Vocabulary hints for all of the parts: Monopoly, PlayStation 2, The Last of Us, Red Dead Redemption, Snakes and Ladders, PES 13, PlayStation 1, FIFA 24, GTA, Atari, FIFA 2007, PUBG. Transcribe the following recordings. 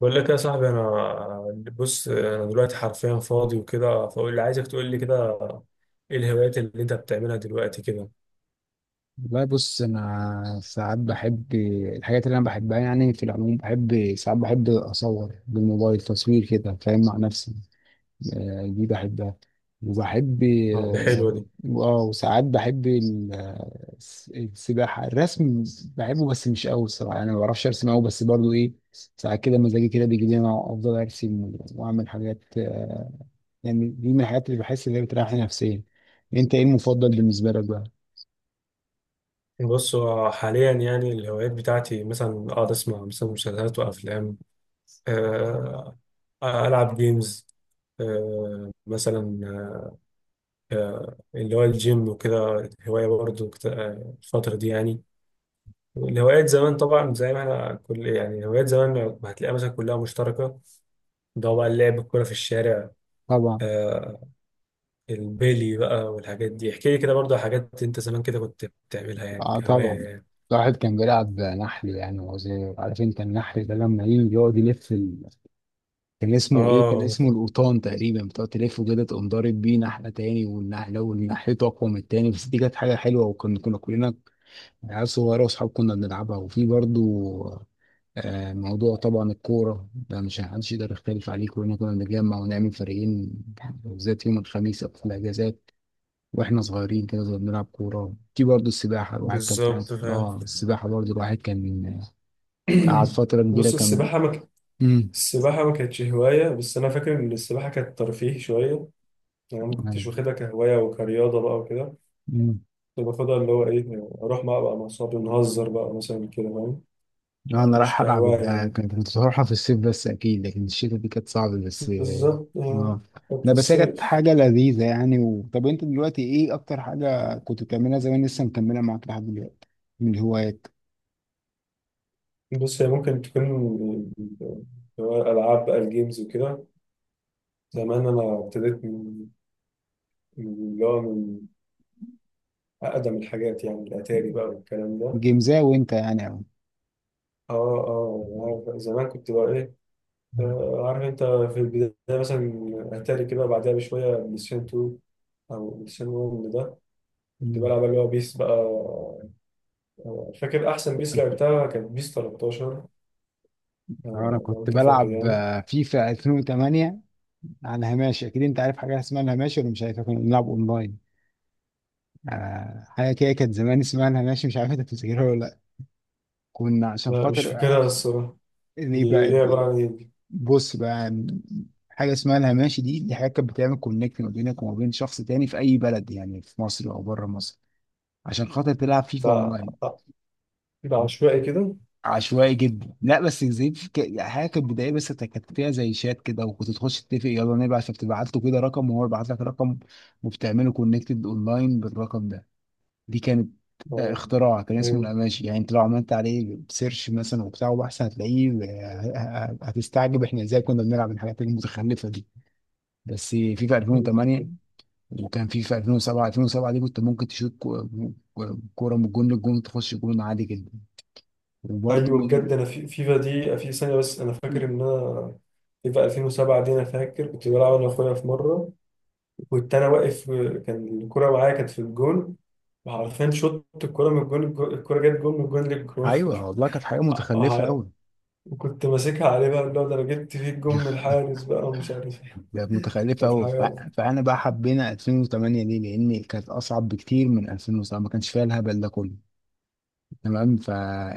بقول لك يا صاحبي، انا بص انا دلوقتي حرفيا فاضي وكده، فاقول اللي عايزك تقول لي كده. ايه الهوايات اللي انت بتعملها دلوقتي كده؟ والله بص انا ساعات بحب الحاجات اللي انا بحبها يعني في العموم بحب ساعات بحب اصور بالموبايل تصوير كده فاهم مع نفسي. دي بحبها، وبحب اه، دي حلوه دي. وساعات بحب السباحة، الرسم بحبه بس مش قوي الصراحة، يعني ما بعرفش ارسم قوي بس برضو ايه. ساعات كده مزاجي كده بيجي لي انا افضل ارسم واعمل حاجات. يعني دي من الحاجات اللي بحس ان هي بتريحني نفسيا. انت ايه المفضل بالنسبة لك بقى؟ بص، هو حاليا يعني الهوايات بتاعتي مثلا اقعد اسمع مثلا مسلسلات وافلام. آه، العب جيمز. مثلا اللي هو الجيم وكده هوايه برضه الفتره دي يعني. الهوايات زمان طبعا زي ما احنا كل يعني هوايات زمان ما هتلاقيها مثلا كلها مشتركه. ده هو بقى اللعب الكورة في الشارع. طبعا. آه، البيلي بقى والحاجات دي احكي لي كده برضه على حاجات انت زمان كده كنت بتعملها يعني اه، كهواية طبعا. يعني. الواحد كان بيلعب نحل يعني وهو صغير، عارفين؟ كان النحل ده لما يجي يقعد يلف. كان اسمه ايه؟ كان اه، اسمه القوطان تقريبا، بتقعد تلفه كده تقوم ضارب بيه نحله تاني والنحله والنحلته اقوى من التاني. بس دي كانت حاجه حلوه، وكنا كلنا عيال صغيره واصحاب كنا بنلعبها. وفي برضو موضوع طبعا الكوره ده مش محدش يقدر يختلف عليه، كلنا كنا بنتجمع ونعمل فريقين بالذات يوم الخميس او في الاجازات. واحنا صغيرين كده زي بنلعب كوره. في برضه السباحه، الواحد كان بالظبط فاهم. السباحه برضه الواحد كان قعد فتره كبيره بص كان. السباحة ما ك- امم السباحة ما كانتش هواية، بس أنا فاكر إن السباحة كانت ترفيه شوية. يعني ما كنتش واخدها كهواية وكرياضة بقى وكده. امم كنت باخدها اللي هو إيه، أروح بقى مع أصحابي نهزر بقى مثلا كده فاهم، انا مش رايح العب كهواية وبتاع يعني. كنت بروحها في الصيف بس اكيد، لكن الشتاء دي كانت صعبه بس. بالظبط. اه. كانت لا في بس هي كانت الصيف. حاجه لذيذه يعني. طب انت دلوقتي ايه اكتر حاجه كنت بتعملها زمان لسه مكمله معاك لحد دلوقتي، من الهوايات؟ بص هي ممكن تكون اللي هو الألعاب بقى الجيمز وكده. زمان أنا ابتديت من من اللي هو من أقدم الحاجات، يعني الأتاري بقى والكلام ده. جيمزا وانت يعني أو. آه، زمان كنت بقى إيه. عارف أنت في البداية مثلا أتاري كده، بعدها بشوية بلاي ستيشن 2 أو بلاي ستيشن 1 ده. كنت مم. بلعب اللي هو بيس بقى. فاكر أحسن بيس لعبتها كانت بيس 13. انا لو كنت أنت فاكر بلعب يعني. فيفا 2008. عن هاماشي، اكيد انت عارف حاجه اسمها الهاماشي ولا مش عارف؟ كنا بنلعب اونلاين. حاجه كده كانت زمان اسمها الهاماشي، مش عارف انت بتفتكرها ولا لا؟ كنا عشان لا، مش خاطر فاكرها الصراحة. اللي دي بقى، إيه؟ عبارة عن إيه؟ بص بقى، حاجه اسمها الهاماشي دي حاجه كانت بتعمل كونكت ما بينك وما بين شخص تاني في اي بلد، يعني في مصر او بره مصر، عشان خاطر تلعب فيفا اونلاين. ده كده عشوائي كده. عشوائي جدا. لا بس زي في حاجه كانت بدائيه بس كانت فيها زي شات كده، وكنت تخش تتفق يلا نبعت، فبتبعت له كده رقم وهو يبعت لك رقم وبتعملوا كونكتد اونلاين بالرقم ده. دي كانت آه، اختراع كان اسمه فهمت. القماشي، يعني انت لو عملت عليه سيرش مثلا وبتاع وبحث هتلاقيه. هتستعجب احنا ازاي كنا بنلعب الحاجات المتخلفه دي. بس في 2008، وكان في 2007. دي كنت ممكن تشوط كوره من الجون للجون تخش جون عادي جدا. وبرضه ايوه، من... بجد انا في فيفا دي في ثانيه، بس انا فاكر ان انا فيفا 2007 دي انا فاكر كنت بلعب انا واخويا في مره، وكنت انا واقف، كان الكره معايا كانت في الجون، وعارفين شوت الكره من الجون الكره جت جون من الجون للجون. ايوه والله كانت حاجه متخلفه ع- قوي. وكنت ماسكها عليه بقى، اللي هو ده انا جبت فيه الجون من الحارس بقى ومش عارف ايه، كانت متخلفه كانت قوي، حاجه. فانا بقى حبينا 2008 ليه؟ لان كانت اصعب بكتير من 2007، ما كانش فيها الهبل ده كله. تمام،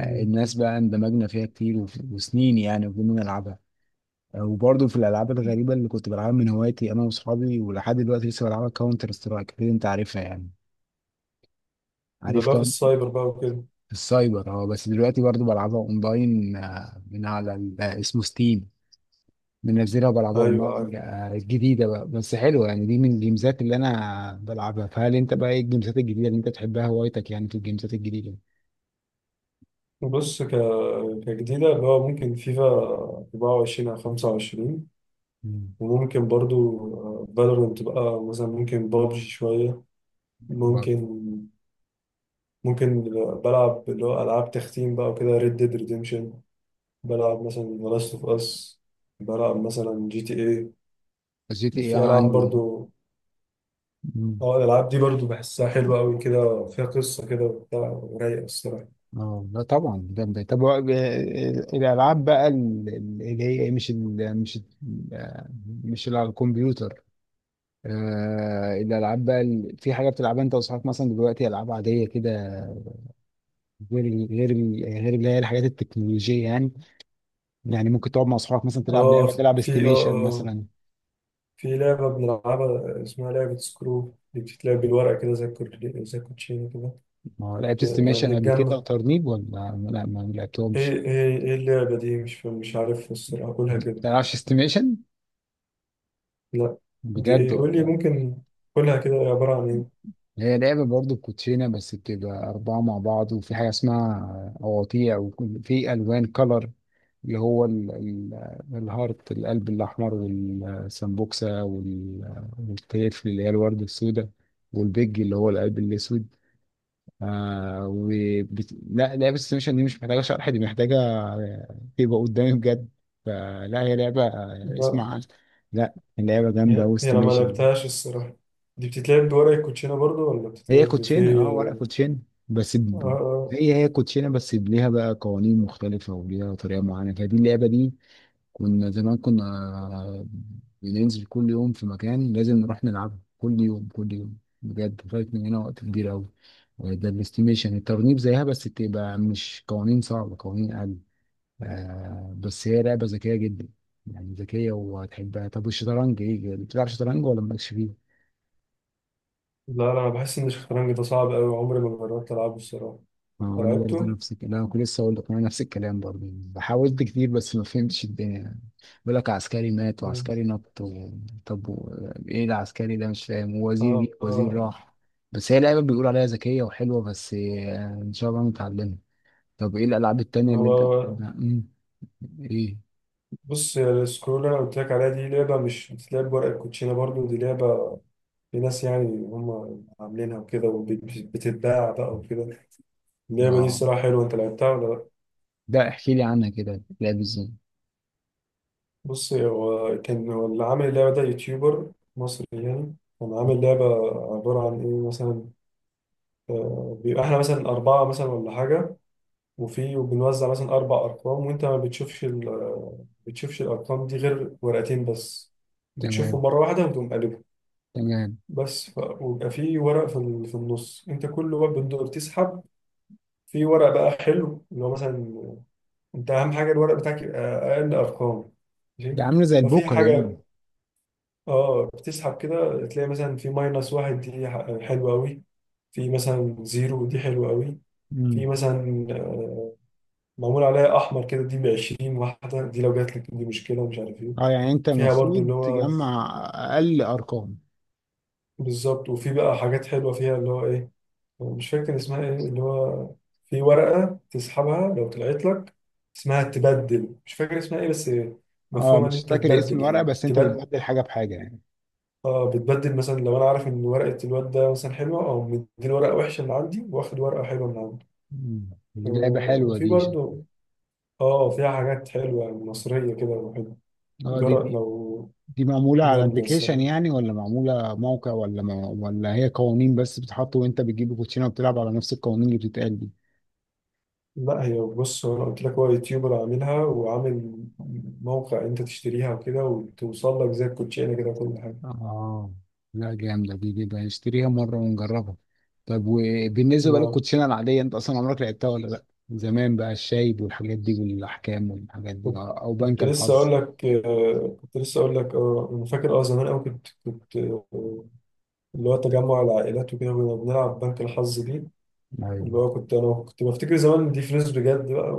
مم. بقى اندمجنا فيها كتير وسنين يعني وكنا نلعبها. وبرضه في الالعاب الغريبه اللي كنت بلعبها من هوايتي انا واصحابي، ولحد دلوقتي لسه بلعبها، كاونتر سترايك، اكيد انت عارفها يعني، ده عارف اللي هو في كام. السايبر بقى وكده. في السايبر. اه، بس دلوقتي برضه بلعبها اونلاين آه، من على ال- آه، اسمه ستيم، منزلها وبلعبها اونلاين ايوه. جديده بقى بس حلوه يعني. دي من الجيمزات اللي انا بلعبها. فهل انت بقى ايه الجيمزات الجديده اللي انت بتحبها هوايتك يعني في الجيمزات الجديده؟ بص ك... كجديدة اللي هو ممكن فيفا 24 أو 25، مم. وممكن برضو فالورنت بقى مثلا، ممكن بابجي شوية، برضه. ممكن ممكن بلعب اللي هو ألعاب تختيم بقى وكده، ريد ديد ريديمشن، بلعب مثلا ذا لاست اوف اس، بلعب مثلا جي تي اي، جي تي اي في ألعاب عندي. برضو. مم. اه، الألعاب دي برضو بحسها حلوة أوي كده، فيها قصة كده وبتاع ورايقة الصراحة. اه، لا طبعا ده بداية. طب الالعاب بقى اللي هي إيه، آه، مش اللي على الكمبيوتر. آه، الالعاب بقى، في حاجه بتلعبها انت واصحابك مثلا دلوقتي، العاب عاديه كده، غير اللي هي الحاجات التكنولوجيه يعني. يعني ممكن تقعد مع اصحابك مثلا تلعب لعبه، اه، تلعب في استيميشن مثلا. في لعبة بنلعبها اسمها لعبة سكرو، دي بتتلعب بالورقة كده، زي زي الكوتشينة كده ما هو لعبت لما استيميشن قبل كده، بنتجمع. وترنيب ولا؟ لا، ما ايه لعبتهمش. ايه ايه اللعبة دي مش عارف الصراحة، قولها ما كده. بتلعبش استيميشن؟ لا، دي بجد ايه؟ قول لي، والله. ممكن قولها كده، هي عبارة عن ايه؟ هي لعبة برضه كوتشينة بس بتبقى أربعة مع بعض، وفي حاجة اسمها أواطيع، وفي ألوان كلر، اللي هو الهارت، القلب الأحمر، والسمبوكسة، والتيف اللي هي الوردة السوداء، والبيج اللي هو القلب الأسود. لا، لعبة السيميشن دي مش محتاجة شرح، دي محتاجة تبقى قدامي بجد. فلا، هي لعبة لا، اسمع، لا، اللعبة جامدة، هي انا ما واستيميشن. لعبتهاش الصراحة. دي بتتلعب بورق الكوتشينة برضو ولا هي بتتلعب كوتشينة، في اه، ورق آه. كوتشينة بس آه. ب... آه. هي هي كوتشينة بس ليها بقى قوانين مختلفة وليها طريقة معينة، فدي اللعبة دي كنا زمان كنا آه، بننزل كل يوم في مكان، لازم نروح نلعبها كل يوم كل يوم بجد. فايت من هنا وقت كبير أوي. وده الاستيميشن. الترنيب زيها بس تبقى مش قوانين صعبة، قوانين أقل، آه، بس هي لعبة ذكية جدا، يعني ذكية وهتحبها. طب والشطرنج ايه، بتلعب شطرنج ولا مالكش فيه؟ لا لا، انا بحس ان الشطرنج ده صعب قوي، عمري ما جربت العبه الصراحة. ما هو أنت انا برضو لعبته؟ نفس الكلام، انا كنت لسه اقول لك انا نفس الكلام برضو. حاولت كتير بس ما فهمتش الدنيا يعني. بيقول لك عسكري مات مم. وعسكري نط و... طب و... ايه العسكري ده مش فاهم، ووزير جه اه. وزير آه. راح. بس هي لعبه بيقول عليها ذكيه وحلوه بس، ان شاء الله نتعلمها. طب ايه الالعاب التانية اللي انت انا، بتحبها؟ ايه. بص يا، السكرول اللي انا قلت لك عليها دي لعبه، مش بتتلعب بورق الكوتشينه برضو، دي لعبه لناس يعني، هم عاملينها وكده وبتتباع بقى وكده. اللعبه دي اه، الصراحه حلوه، انت لعبتها ولا لا؟ ده احكي لي عنها كده، لعب ازاي؟ بص، هو كان هو اللي عامل اللعبه ده يوتيوبر مصري يعني، كان عامل لعبه. عباره عن ايه مثلا؟ بيبقى احنا مثلا اربعه مثلا ولا حاجه، وبنوزع مثلا اربع ارقام، وانت ما بتشوفش ال- بتشوفش الارقام دي غير ورقتين بس، بتشوفهم تمام. مره واحده وتقوم قلبهم. تمام. ويبقى في ورق في في النص، انت كل ما بتسحب في ورق بقى حلو، اللي هو مثلا انت اهم حاجه الورق بتاعك يبقى اقل ارقام، ماشي. ده عامله زي ففي البوكر يعني. حاجه، اه، بتسحب كده تلاقي مثلا في ماينس واحد، دي حلوه قوي، في مثلا زيرو، دي حلوه قوي، في امم. مثلا معمول عليها احمر كده، دي ب 20 واحده، دي لو جات لك دي مشكله، ومش عارف ايه اه، يعني انت فيها برضو المفروض اللي هو. تجمع اقل ارقام. بالظبط. وفي بقى حاجات حلوه فيها اللي هو ايه، مش فاكر اسمها ايه، اللي هو في ورقة تسحبها لو طلعت لك، اسمها تبدل، مش فاكر اسمها ايه بس، اه، مفهوم ان مش انت فاكر اسم تبدل، الورقه، يعني بس انت تبدل. بتبدل حاجه بحاجه يعني. اه، بتبدل مثلا لو انا عارف ان ورقة الواد ده مثلا حلوة، او مديني ورقة وحشة من عندي واخد ورقة حلوة من عنده. مم. دي لعبه حلوه وفي دي. برضه، اه، فيها حاجات حلوة مصرية كده وحلوة، اه، دي جرأت دي لو. دي معموله على جامدة ابلكيشن الصراحة. يعني، ولا معموله موقع، ولا ما ولا هي قوانين بس بتحط وانت بتجيب الكوتشينه وبتلعب على نفس القوانين اللي بتتقال دي؟ لا هي بص هو انا قلت لك هو يوتيوبر عاملها، وعامل موقع انت تشتريها وكده، وتوصل لك زي الكوتشينه كده كل حاجة. اه لا، جامده، دي بقى نشتريها مره ونجربها. طب وبالنسبه بقى ما للكوتشينه العاديه، انت اصلا عمرك لعبتها ولا لا؟ زمان بقى الشايب والحاجات دي، والاحكام والحاجات دي، كنت، او بنك كنت لسه الحظ؟ اقول لك، كنت لسه اقول لك، اه، انا فاكر، اه، زمان قوي كنت اللي هو تجمع العائلات وكده كنا بنلعب بنك الحظ دي، اللي ايوه هو كنت انا كنت بفتكر زمان دي فلوس بجد بقى،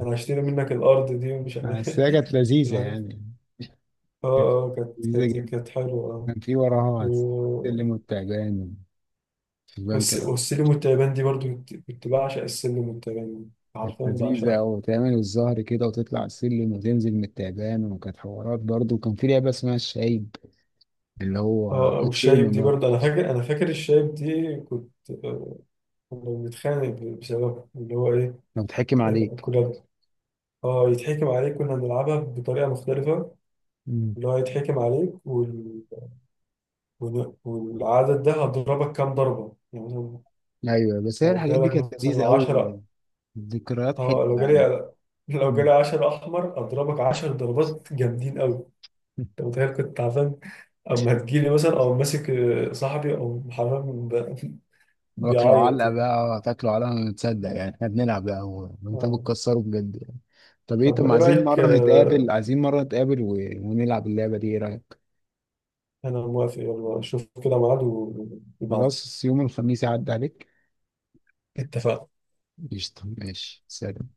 وانا هشتري منك الارض دي ومش عارف بس إيه. هي كانت لذيذه الحاجات، يعني، اه، كانت اه، كانت لذيذه. كانت كانت حلوه، اه. كان في وراها و- السلم والتعبان، في البنك كده. والسلم والتعبان دي برضو، كنت بعشق السلم والتعبان دي، كانت عارفين لذيذة بعشقها. أوي، تعمل الظهر كده وتطلع السلم وتنزل من التعبان، وكانت حوارات برضه. وكان في لعبة اسمها الشايب، اللي هو اه، والشايب كوتشينة دي برضه. برضو، انا فاكر، الشايب دي كنت، آه، كنا بنتخانق بسبب اللي هو ايه. كان بيتحكم عليك. كنا، اه، يتحكم عليك، كنا بنلعبها بطريقة مختلفة، مم. اللي هو يتحكم عليك وال... والعدد ده هضربك كام ضربة يعني، مثلا أيوة، بس هي لو الحاجات دي جالك كانت مثلا لذيذة أوي، عشرة، ذكريات اه، حلوة يعني. لو مم. جالي عشرة أحمر أضربك عشر ضربات جامدين أوي. أنت متخيل؟ كنت تعبان أما تجيلي، مثلا أو ماسك صاحبي أو حرام، واكلوا بيعيط علقة يعني. بقى، تاكلوا علقة ما تصدق يعني احنا بنلعب بقى، وانت آه. بتكسره بجد يعني. طب طب ما ما إيه عايزين رأيك مرة نتقابل، آه، عايزين مرة نتقابل ونلعب اللعبة دي، ايه رأيك؟ أنا موافق، يلا شوف كده ميعاد وابعت. خلاص، يوم الخميس يعدي عليك. اتفقنا. قشطة، ماشي، سلام.